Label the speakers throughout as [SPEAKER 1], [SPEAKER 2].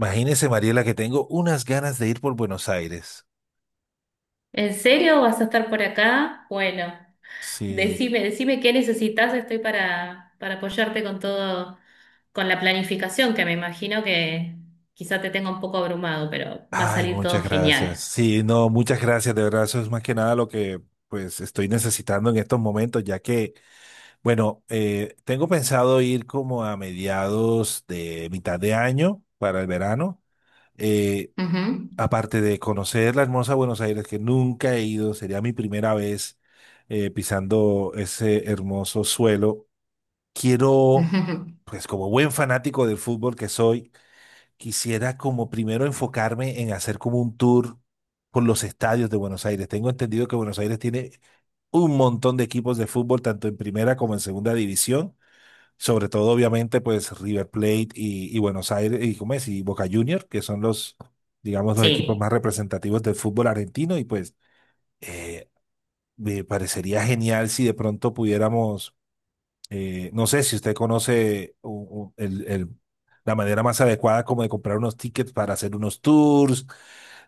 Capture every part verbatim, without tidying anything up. [SPEAKER 1] Imagínese, Mariela, que tengo unas ganas de ir por Buenos Aires.
[SPEAKER 2] ¿En serio vas a estar por acá? Bueno,
[SPEAKER 1] Sí.
[SPEAKER 2] decime, decime qué necesitas. Estoy para, para apoyarte con todo, con la planificación, que me imagino que quizá te tenga un poco abrumado, pero va a
[SPEAKER 1] Ay,
[SPEAKER 2] salir todo
[SPEAKER 1] muchas
[SPEAKER 2] genial.
[SPEAKER 1] gracias. Sí, no, muchas gracias. De verdad, eso es más que nada lo que pues estoy necesitando en estos momentos, ya que, bueno, eh, tengo pensado ir como a mediados de mitad de año para el verano. Eh,
[SPEAKER 2] Ujú.
[SPEAKER 1] aparte de conocer la hermosa Buenos Aires, que nunca he ido, sería mi primera vez eh, pisando ese hermoso suelo. Quiero, pues como buen fanático del fútbol que soy, quisiera como primero enfocarme en hacer como un tour por los estadios de Buenos Aires. Tengo entendido que Buenos Aires tiene un montón de equipos de fútbol, tanto en primera como en segunda división, sobre todo obviamente pues River Plate y, y Buenos Aires y, ¿cómo es? Y Boca Juniors, que son los, digamos, los equipos
[SPEAKER 2] Sí.
[SPEAKER 1] más representativos del fútbol argentino y pues eh, me parecería genial si de pronto pudiéramos eh, no sé si usted conoce u- u- el- el- la manera más adecuada como de comprar unos tickets para hacer unos tours.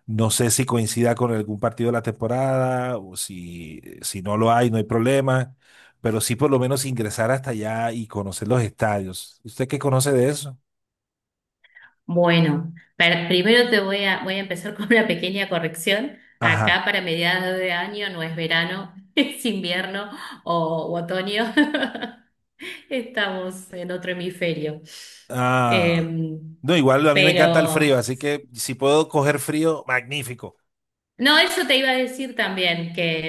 [SPEAKER 1] No sé si coincida con algún partido de la temporada o si, si no lo hay, no hay problema. Pero sí por lo menos ingresar hasta allá y conocer los estadios. ¿Usted qué conoce de eso?
[SPEAKER 2] Bueno, per- primero te voy a, voy a empezar con una pequeña corrección.
[SPEAKER 1] Ajá.
[SPEAKER 2] Acá para mediados de año no es verano, es invierno o, u otoño. Estamos en otro hemisferio.
[SPEAKER 1] Ah.
[SPEAKER 2] Em,
[SPEAKER 1] No, igual a mí me encanta el frío,
[SPEAKER 2] pero
[SPEAKER 1] así que si puedo coger frío, magnífico.
[SPEAKER 2] no, eso te iba a decir también, que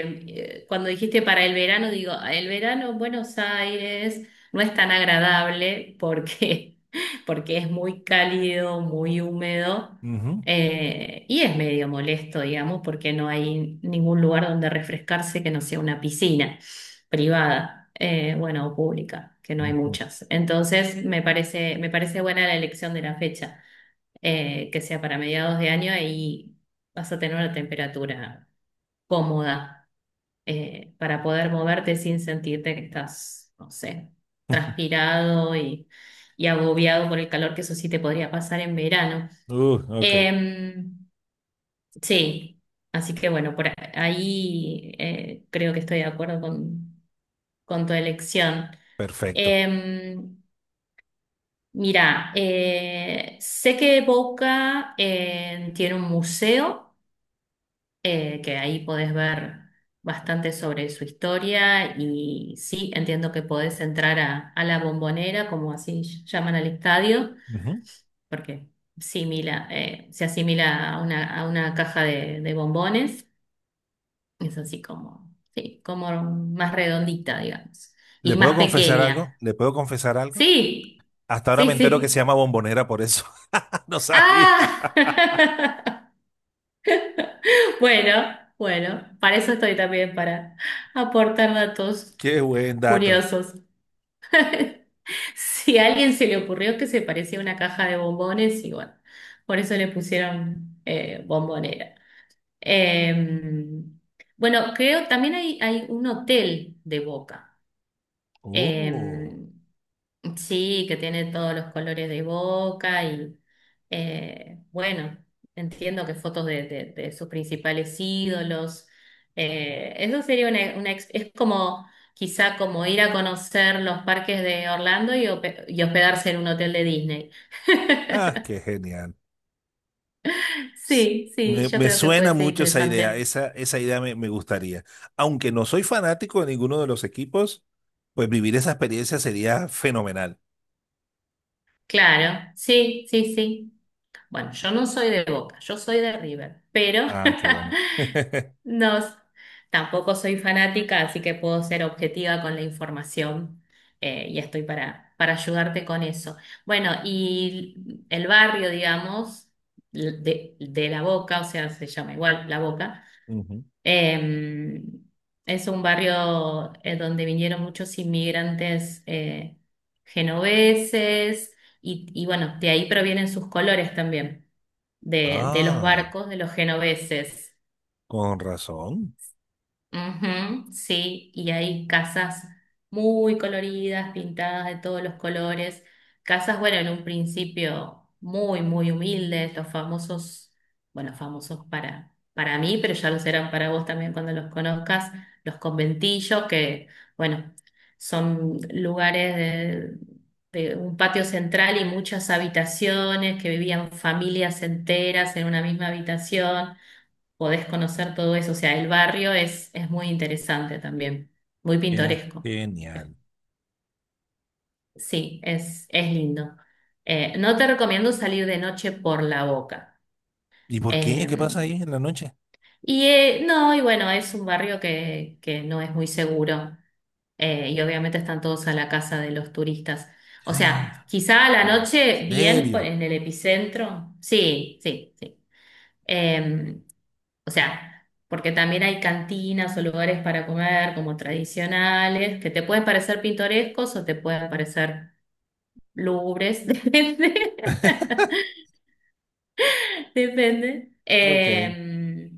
[SPEAKER 2] eh, cuando dijiste para el verano, digo, el verano en Buenos Aires no es tan agradable porque, porque es muy cálido, muy húmedo,
[SPEAKER 1] Ujú.
[SPEAKER 2] eh, y es medio molesto, digamos, porque no hay ningún lugar donde refrescarse que no sea una piscina privada, eh, bueno, o pública, que no hay
[SPEAKER 1] Ujú.
[SPEAKER 2] muchas. Entonces, me parece, me parece buena la elección de la fecha, eh, que sea para mediados de año, y vas a tener una temperatura cómoda, eh, para poder moverte sin sentirte que estás, no sé, transpirado y, y agobiado por el calor, que eso sí te podría pasar en verano.
[SPEAKER 1] Uh, ok,
[SPEAKER 2] Em, sí, así que bueno, por ahí, eh, creo que estoy de acuerdo con, con tu elección.
[SPEAKER 1] perfecto.
[SPEAKER 2] Em, Mira, eh, sé que Boca eh, tiene un museo, eh, que ahí podés ver bastante sobre su historia. Y sí, entiendo que podés entrar a, a la Bombonera, como así llaman al estadio,
[SPEAKER 1] Ujú.
[SPEAKER 2] porque simila, eh, se asimila a una, a una caja de, de bombones. Es así como, sí, como más redondita, digamos,
[SPEAKER 1] ¿Le
[SPEAKER 2] y
[SPEAKER 1] puedo
[SPEAKER 2] más
[SPEAKER 1] confesar algo?
[SPEAKER 2] pequeña.
[SPEAKER 1] ¿Le puedo confesar algo?
[SPEAKER 2] Sí,
[SPEAKER 1] Hasta ahora
[SPEAKER 2] sí,
[SPEAKER 1] me entero que
[SPEAKER 2] sí.
[SPEAKER 1] se llama bombonera por eso. No sabía.
[SPEAKER 2] Ah, bueno, bueno, para eso estoy también, para aportar datos
[SPEAKER 1] Qué buen dato.
[SPEAKER 2] curiosos. Si a alguien se le ocurrió que se parecía a una caja de bombones, y bueno, por eso le pusieron eh, bombonera. Eh, bueno, creo también hay, hay un hotel de Boca.
[SPEAKER 1] Oh,
[SPEAKER 2] Eh, Sí, que tiene todos los colores de Boca y, eh, bueno, entiendo que fotos de, de- de sus principales ídolos. Eh, eso sería una, una ex- es como quizá como ir a conocer los parques de Orlando y, hope- y hospedarse en un hotel de Disney.
[SPEAKER 1] ah, qué genial. S-
[SPEAKER 2] Sí, sí,
[SPEAKER 1] Me,
[SPEAKER 2] yo
[SPEAKER 1] me
[SPEAKER 2] creo que
[SPEAKER 1] suena
[SPEAKER 2] puede ser
[SPEAKER 1] mucho esa idea.
[SPEAKER 2] interesante.
[SPEAKER 1] Esa, esa idea me, me gustaría. Aunque no soy fanático de ninguno de los equipos, pues vivir esa experiencia sería fenomenal.
[SPEAKER 2] Claro, sí, sí, sí. Bueno, yo no soy de Boca, yo soy de River, pero
[SPEAKER 1] Ah, qué bueno.
[SPEAKER 2] no, tampoco soy fanática, así que puedo ser objetiva con la información, eh, y estoy para, para ayudarte con eso. Bueno, y el barrio, digamos, de, de La Boca, o sea, se llama igual La Boca,
[SPEAKER 1] Ujú.
[SPEAKER 2] eh, es un barrio eh, donde vinieron muchos inmigrantes, eh, genoveses, y, y bueno, de ahí provienen sus colores también de, de los
[SPEAKER 1] Ah,
[SPEAKER 2] barcos de los genoveses.
[SPEAKER 1] con razón.
[SPEAKER 2] Ujú, sí, y hay casas muy coloridas, pintadas de todos los colores. Casas, bueno, en un principio muy, muy humildes, los famosos, bueno, famosos para, para mí, pero ya los serán para vos también cuando los conozcas, los conventillos, que, bueno, son lugares de... de un patio central y muchas habitaciones que vivían familias enteras en una misma habitación. Podés conocer todo eso. O sea, el barrio es, es muy interesante también, muy
[SPEAKER 1] Qué
[SPEAKER 2] pintoresco.
[SPEAKER 1] genial.
[SPEAKER 2] Sí, es, es lindo. Eh, no te recomiendo salir de noche por la Boca.
[SPEAKER 1] ¿Y por qué? ¿Qué
[SPEAKER 2] Eh,
[SPEAKER 1] pasa ahí en la noche?
[SPEAKER 2] y eh, no, y bueno, es un barrio que, que no es muy seguro. Eh, y obviamente están todos a la casa de los turistas. O sea, quizá a la
[SPEAKER 1] ¿En
[SPEAKER 2] noche bien por-
[SPEAKER 1] serio?
[SPEAKER 2] en el epicentro. Sí, sí, sí. Eh, O sea, porque también hay cantinas o lugares para comer como tradicionales, que te pueden parecer pintorescos o te pueden parecer lúgubres, depende, depende.
[SPEAKER 1] Ok,
[SPEAKER 2] Eh,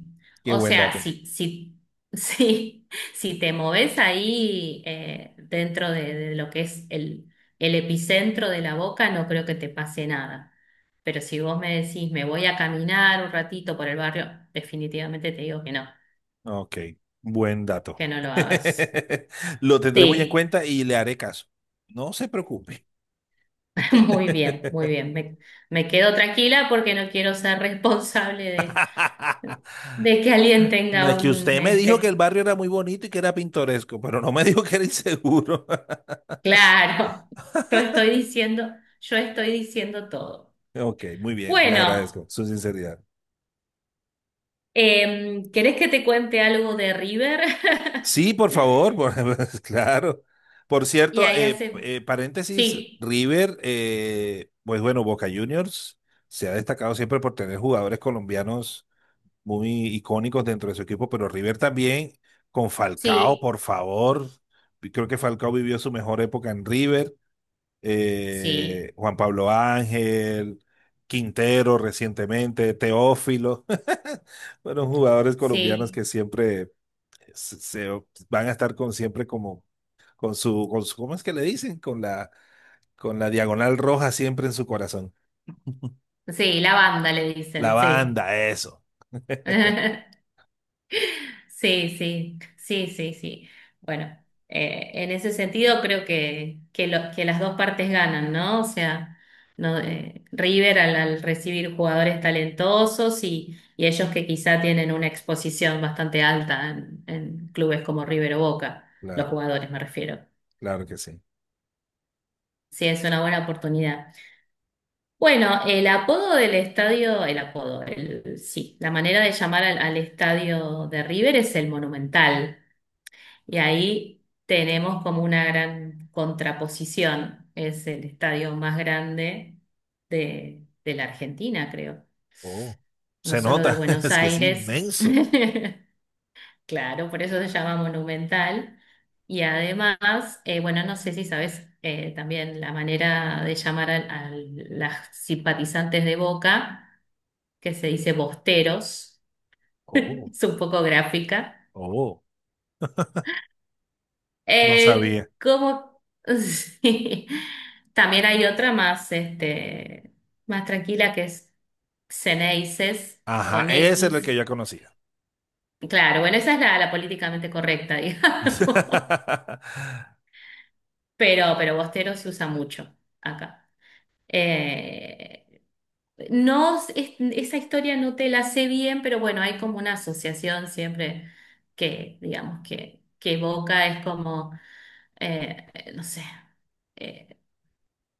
[SPEAKER 1] qué
[SPEAKER 2] o
[SPEAKER 1] buen
[SPEAKER 2] sea,
[SPEAKER 1] dato.
[SPEAKER 2] si, si, si, si te moves ahí, eh, dentro de, de lo que es el, el epicentro de la Boca, no creo que te pase nada. Pero si vos me decís, me voy a caminar un ratito por el barrio, definitivamente te digo que no,
[SPEAKER 1] Ok, buen
[SPEAKER 2] que
[SPEAKER 1] dato.
[SPEAKER 2] no lo hagas.
[SPEAKER 1] Lo tendré muy en
[SPEAKER 2] Sí.
[SPEAKER 1] cuenta y le haré caso. No se preocupe.
[SPEAKER 2] Muy bien, muy bien. Me, me quedo tranquila porque no quiero ser responsable de, de que alguien
[SPEAKER 1] No
[SPEAKER 2] tenga
[SPEAKER 1] es que
[SPEAKER 2] un,
[SPEAKER 1] usted me dijo que el
[SPEAKER 2] este,
[SPEAKER 1] barrio era muy bonito y que era pintoresco, pero no me dijo que era inseguro.
[SPEAKER 2] claro, yo estoy diciendo, yo estoy diciendo todo.
[SPEAKER 1] Ok, muy bien, le
[SPEAKER 2] Bueno,
[SPEAKER 1] agradezco su sinceridad.
[SPEAKER 2] em, ¿querés que te cuente algo de River?
[SPEAKER 1] Sí, por favor, por- claro. Por
[SPEAKER 2] Y
[SPEAKER 1] cierto,
[SPEAKER 2] ahí
[SPEAKER 1] eh,
[SPEAKER 2] hacemos.
[SPEAKER 1] eh, paréntesis,
[SPEAKER 2] Sí,
[SPEAKER 1] River, eh, pues bueno, Boca Juniors se ha destacado siempre por tener jugadores colombianos muy icónicos dentro de su equipo, pero River también con Falcao,
[SPEAKER 2] sí,
[SPEAKER 1] por favor. Y creo que Falcao vivió su mejor época en River.
[SPEAKER 2] sí,
[SPEAKER 1] Eh, Juan Pablo Ángel, Quintero recientemente, Teófilo. Fueron jugadores colombianos
[SPEAKER 2] sí,
[SPEAKER 1] que siempre se, se- van a estar con siempre como con su, con su, ¿cómo es que le dicen? Con la, con la diagonal roja siempre en su corazón.
[SPEAKER 2] sí, la banda le
[SPEAKER 1] La
[SPEAKER 2] dicen, sí.
[SPEAKER 1] banda, eso.
[SPEAKER 2] Sí, sí, sí, sí, sí. Bueno, eh, en ese sentido creo que, que, lo- que las dos partes ganan, ¿no? O sea, no, eh, River al, al recibir jugadores talentosos, y, y ellos que quizá tienen una exposición bastante alta en, en clubes como River o Boca, los
[SPEAKER 1] Claro,
[SPEAKER 2] jugadores me refiero.
[SPEAKER 1] claro que sí.
[SPEAKER 2] Sí, es una buena oportunidad. Bueno, el apodo del estadio, el apodo, el, sí, la manera de llamar al, al estadio de River es el Monumental. Y ahí tenemos como una gran contraposición. Es el estadio más grande de, de la Argentina, creo.
[SPEAKER 1] Oh,
[SPEAKER 2] No
[SPEAKER 1] se
[SPEAKER 2] solo de
[SPEAKER 1] nota,
[SPEAKER 2] Buenos
[SPEAKER 1] es que es
[SPEAKER 2] Aires.
[SPEAKER 1] inmenso.
[SPEAKER 2] Claro, por eso se llama Monumental. Y además, eh, bueno, no sé si sabes, eh, también la manera de llamar al- a, las simpatizantes de Boca, que se dice bosteros.
[SPEAKER 1] Oh,
[SPEAKER 2] Es un poco gráfica.
[SPEAKER 1] oh, no
[SPEAKER 2] Eh,
[SPEAKER 1] sabía.
[SPEAKER 2] como sí. También hay otra más, este, más tranquila que es Xeneices
[SPEAKER 1] Ajá,
[SPEAKER 2] con
[SPEAKER 1] ese es el que
[SPEAKER 2] X.
[SPEAKER 1] yo conocía.
[SPEAKER 2] Claro, bueno, esa es la, la políticamente correcta, digamos. Pero, pero Bostero se usa mucho acá. Eh, no, es- esa historia no te la sé bien, pero bueno, hay como una asociación siempre que, digamos, que, que evoca, es como, eh, no sé, eh,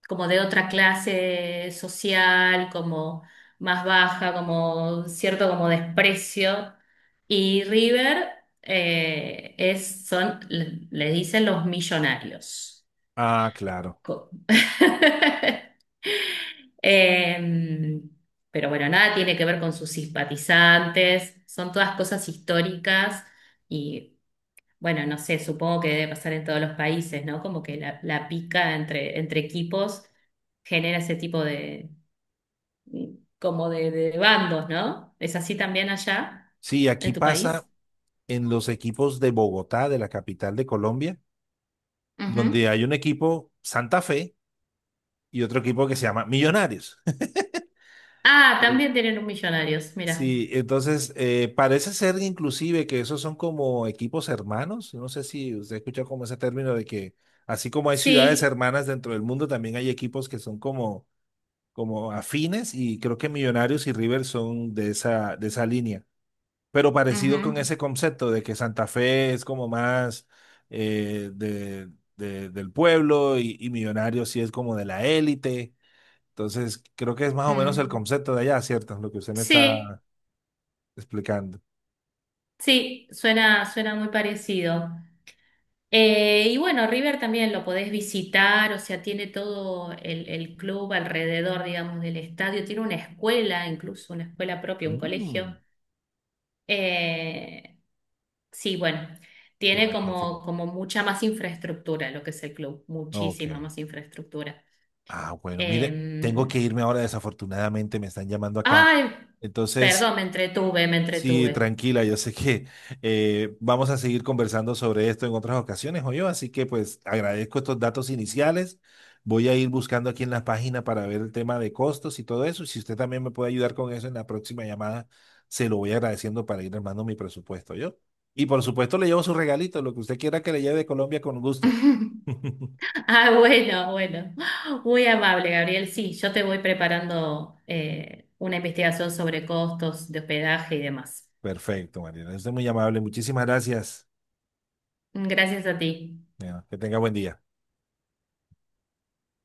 [SPEAKER 2] como de otra clase social, como más baja, como cierto como desprecio. Y River, eh, es, son, le, le dicen los millonarios.
[SPEAKER 1] Ah, claro.
[SPEAKER 2] Co- Eh, pero bueno, nada tiene que ver con sus simpatizantes, son todas cosas históricas, y bueno, no sé, supongo que debe pasar en todos los países, ¿no? Como que la, la pica entre, entre equipos genera ese tipo de, como de, de bandos, ¿no? ¿Es así también allá,
[SPEAKER 1] Sí, aquí
[SPEAKER 2] en tu
[SPEAKER 1] pasa
[SPEAKER 2] país?
[SPEAKER 1] en los equipos de Bogotá, de la capital de Colombia, donde
[SPEAKER 2] Ujú.
[SPEAKER 1] hay un equipo Santa Fe y otro equipo que se llama Millonarios.
[SPEAKER 2] Ah,
[SPEAKER 1] Sí,
[SPEAKER 2] también tienen un millonarios, mira.
[SPEAKER 1] sí, entonces eh, parece ser inclusive que esos son como equipos hermanos. No sé si usted ha escuchado como ese término de que así como hay ciudades
[SPEAKER 2] Sí,
[SPEAKER 1] hermanas dentro del mundo, también hay equipos que son como, como afines y creo que Millonarios y River son de esa, de esa línea. Pero parecido con
[SPEAKER 2] ujú,
[SPEAKER 1] ese concepto de que Santa Fe es como más eh, de, de- del pueblo y, y Millonarios sí es como de la élite. Entonces, creo que es más o menos el
[SPEAKER 2] mm,
[SPEAKER 1] concepto de allá, ¿cierto? Lo que usted me
[SPEAKER 2] sí,
[SPEAKER 1] está explicando.
[SPEAKER 2] sí, suena, suena muy parecido. Eh, y bueno, River también lo podés visitar, o sea, tiene todo el, el club alrededor, digamos, del estadio, tiene una escuela, incluso una escuela propia, un colegio.
[SPEAKER 1] Mm,
[SPEAKER 2] Eh, sí, bueno,
[SPEAKER 1] qué
[SPEAKER 2] tiene como,
[SPEAKER 1] magnífico.
[SPEAKER 2] como mucha más infraestructura lo que es el club,
[SPEAKER 1] Ok.
[SPEAKER 2] muchísima más infraestructura.
[SPEAKER 1] Ah, bueno, mire, tengo
[SPEAKER 2] Eh,
[SPEAKER 1] que irme ahora, desafortunadamente me están llamando acá.
[SPEAKER 2] Ay,
[SPEAKER 1] Entonces,
[SPEAKER 2] perdón, me entretuve, me
[SPEAKER 1] sí,
[SPEAKER 2] entretuve.
[SPEAKER 1] tranquila, yo sé que eh, vamos a seguir conversando sobre esto en otras ocasiones, o yo, así que pues agradezco estos datos iniciales. Voy a ir buscando aquí en la página para ver el tema de costos y todo eso. Y si usted también me puede ayudar con eso en la próxima llamada, se lo voy agradeciendo para ir armando mi presupuesto, yo. Y por supuesto le llevo su regalito, lo que usted quiera que le lleve de Colombia con gusto.
[SPEAKER 2] Ah, bueno, bueno. Muy amable, Gabriel. Sí, yo te voy preparando, eh, una investigación sobre costos de hospedaje y demás.
[SPEAKER 1] Perfecto, Mariana. Usted es muy amable. Muchísimas gracias.
[SPEAKER 2] Gracias a ti.
[SPEAKER 1] Bueno, que tenga buen día.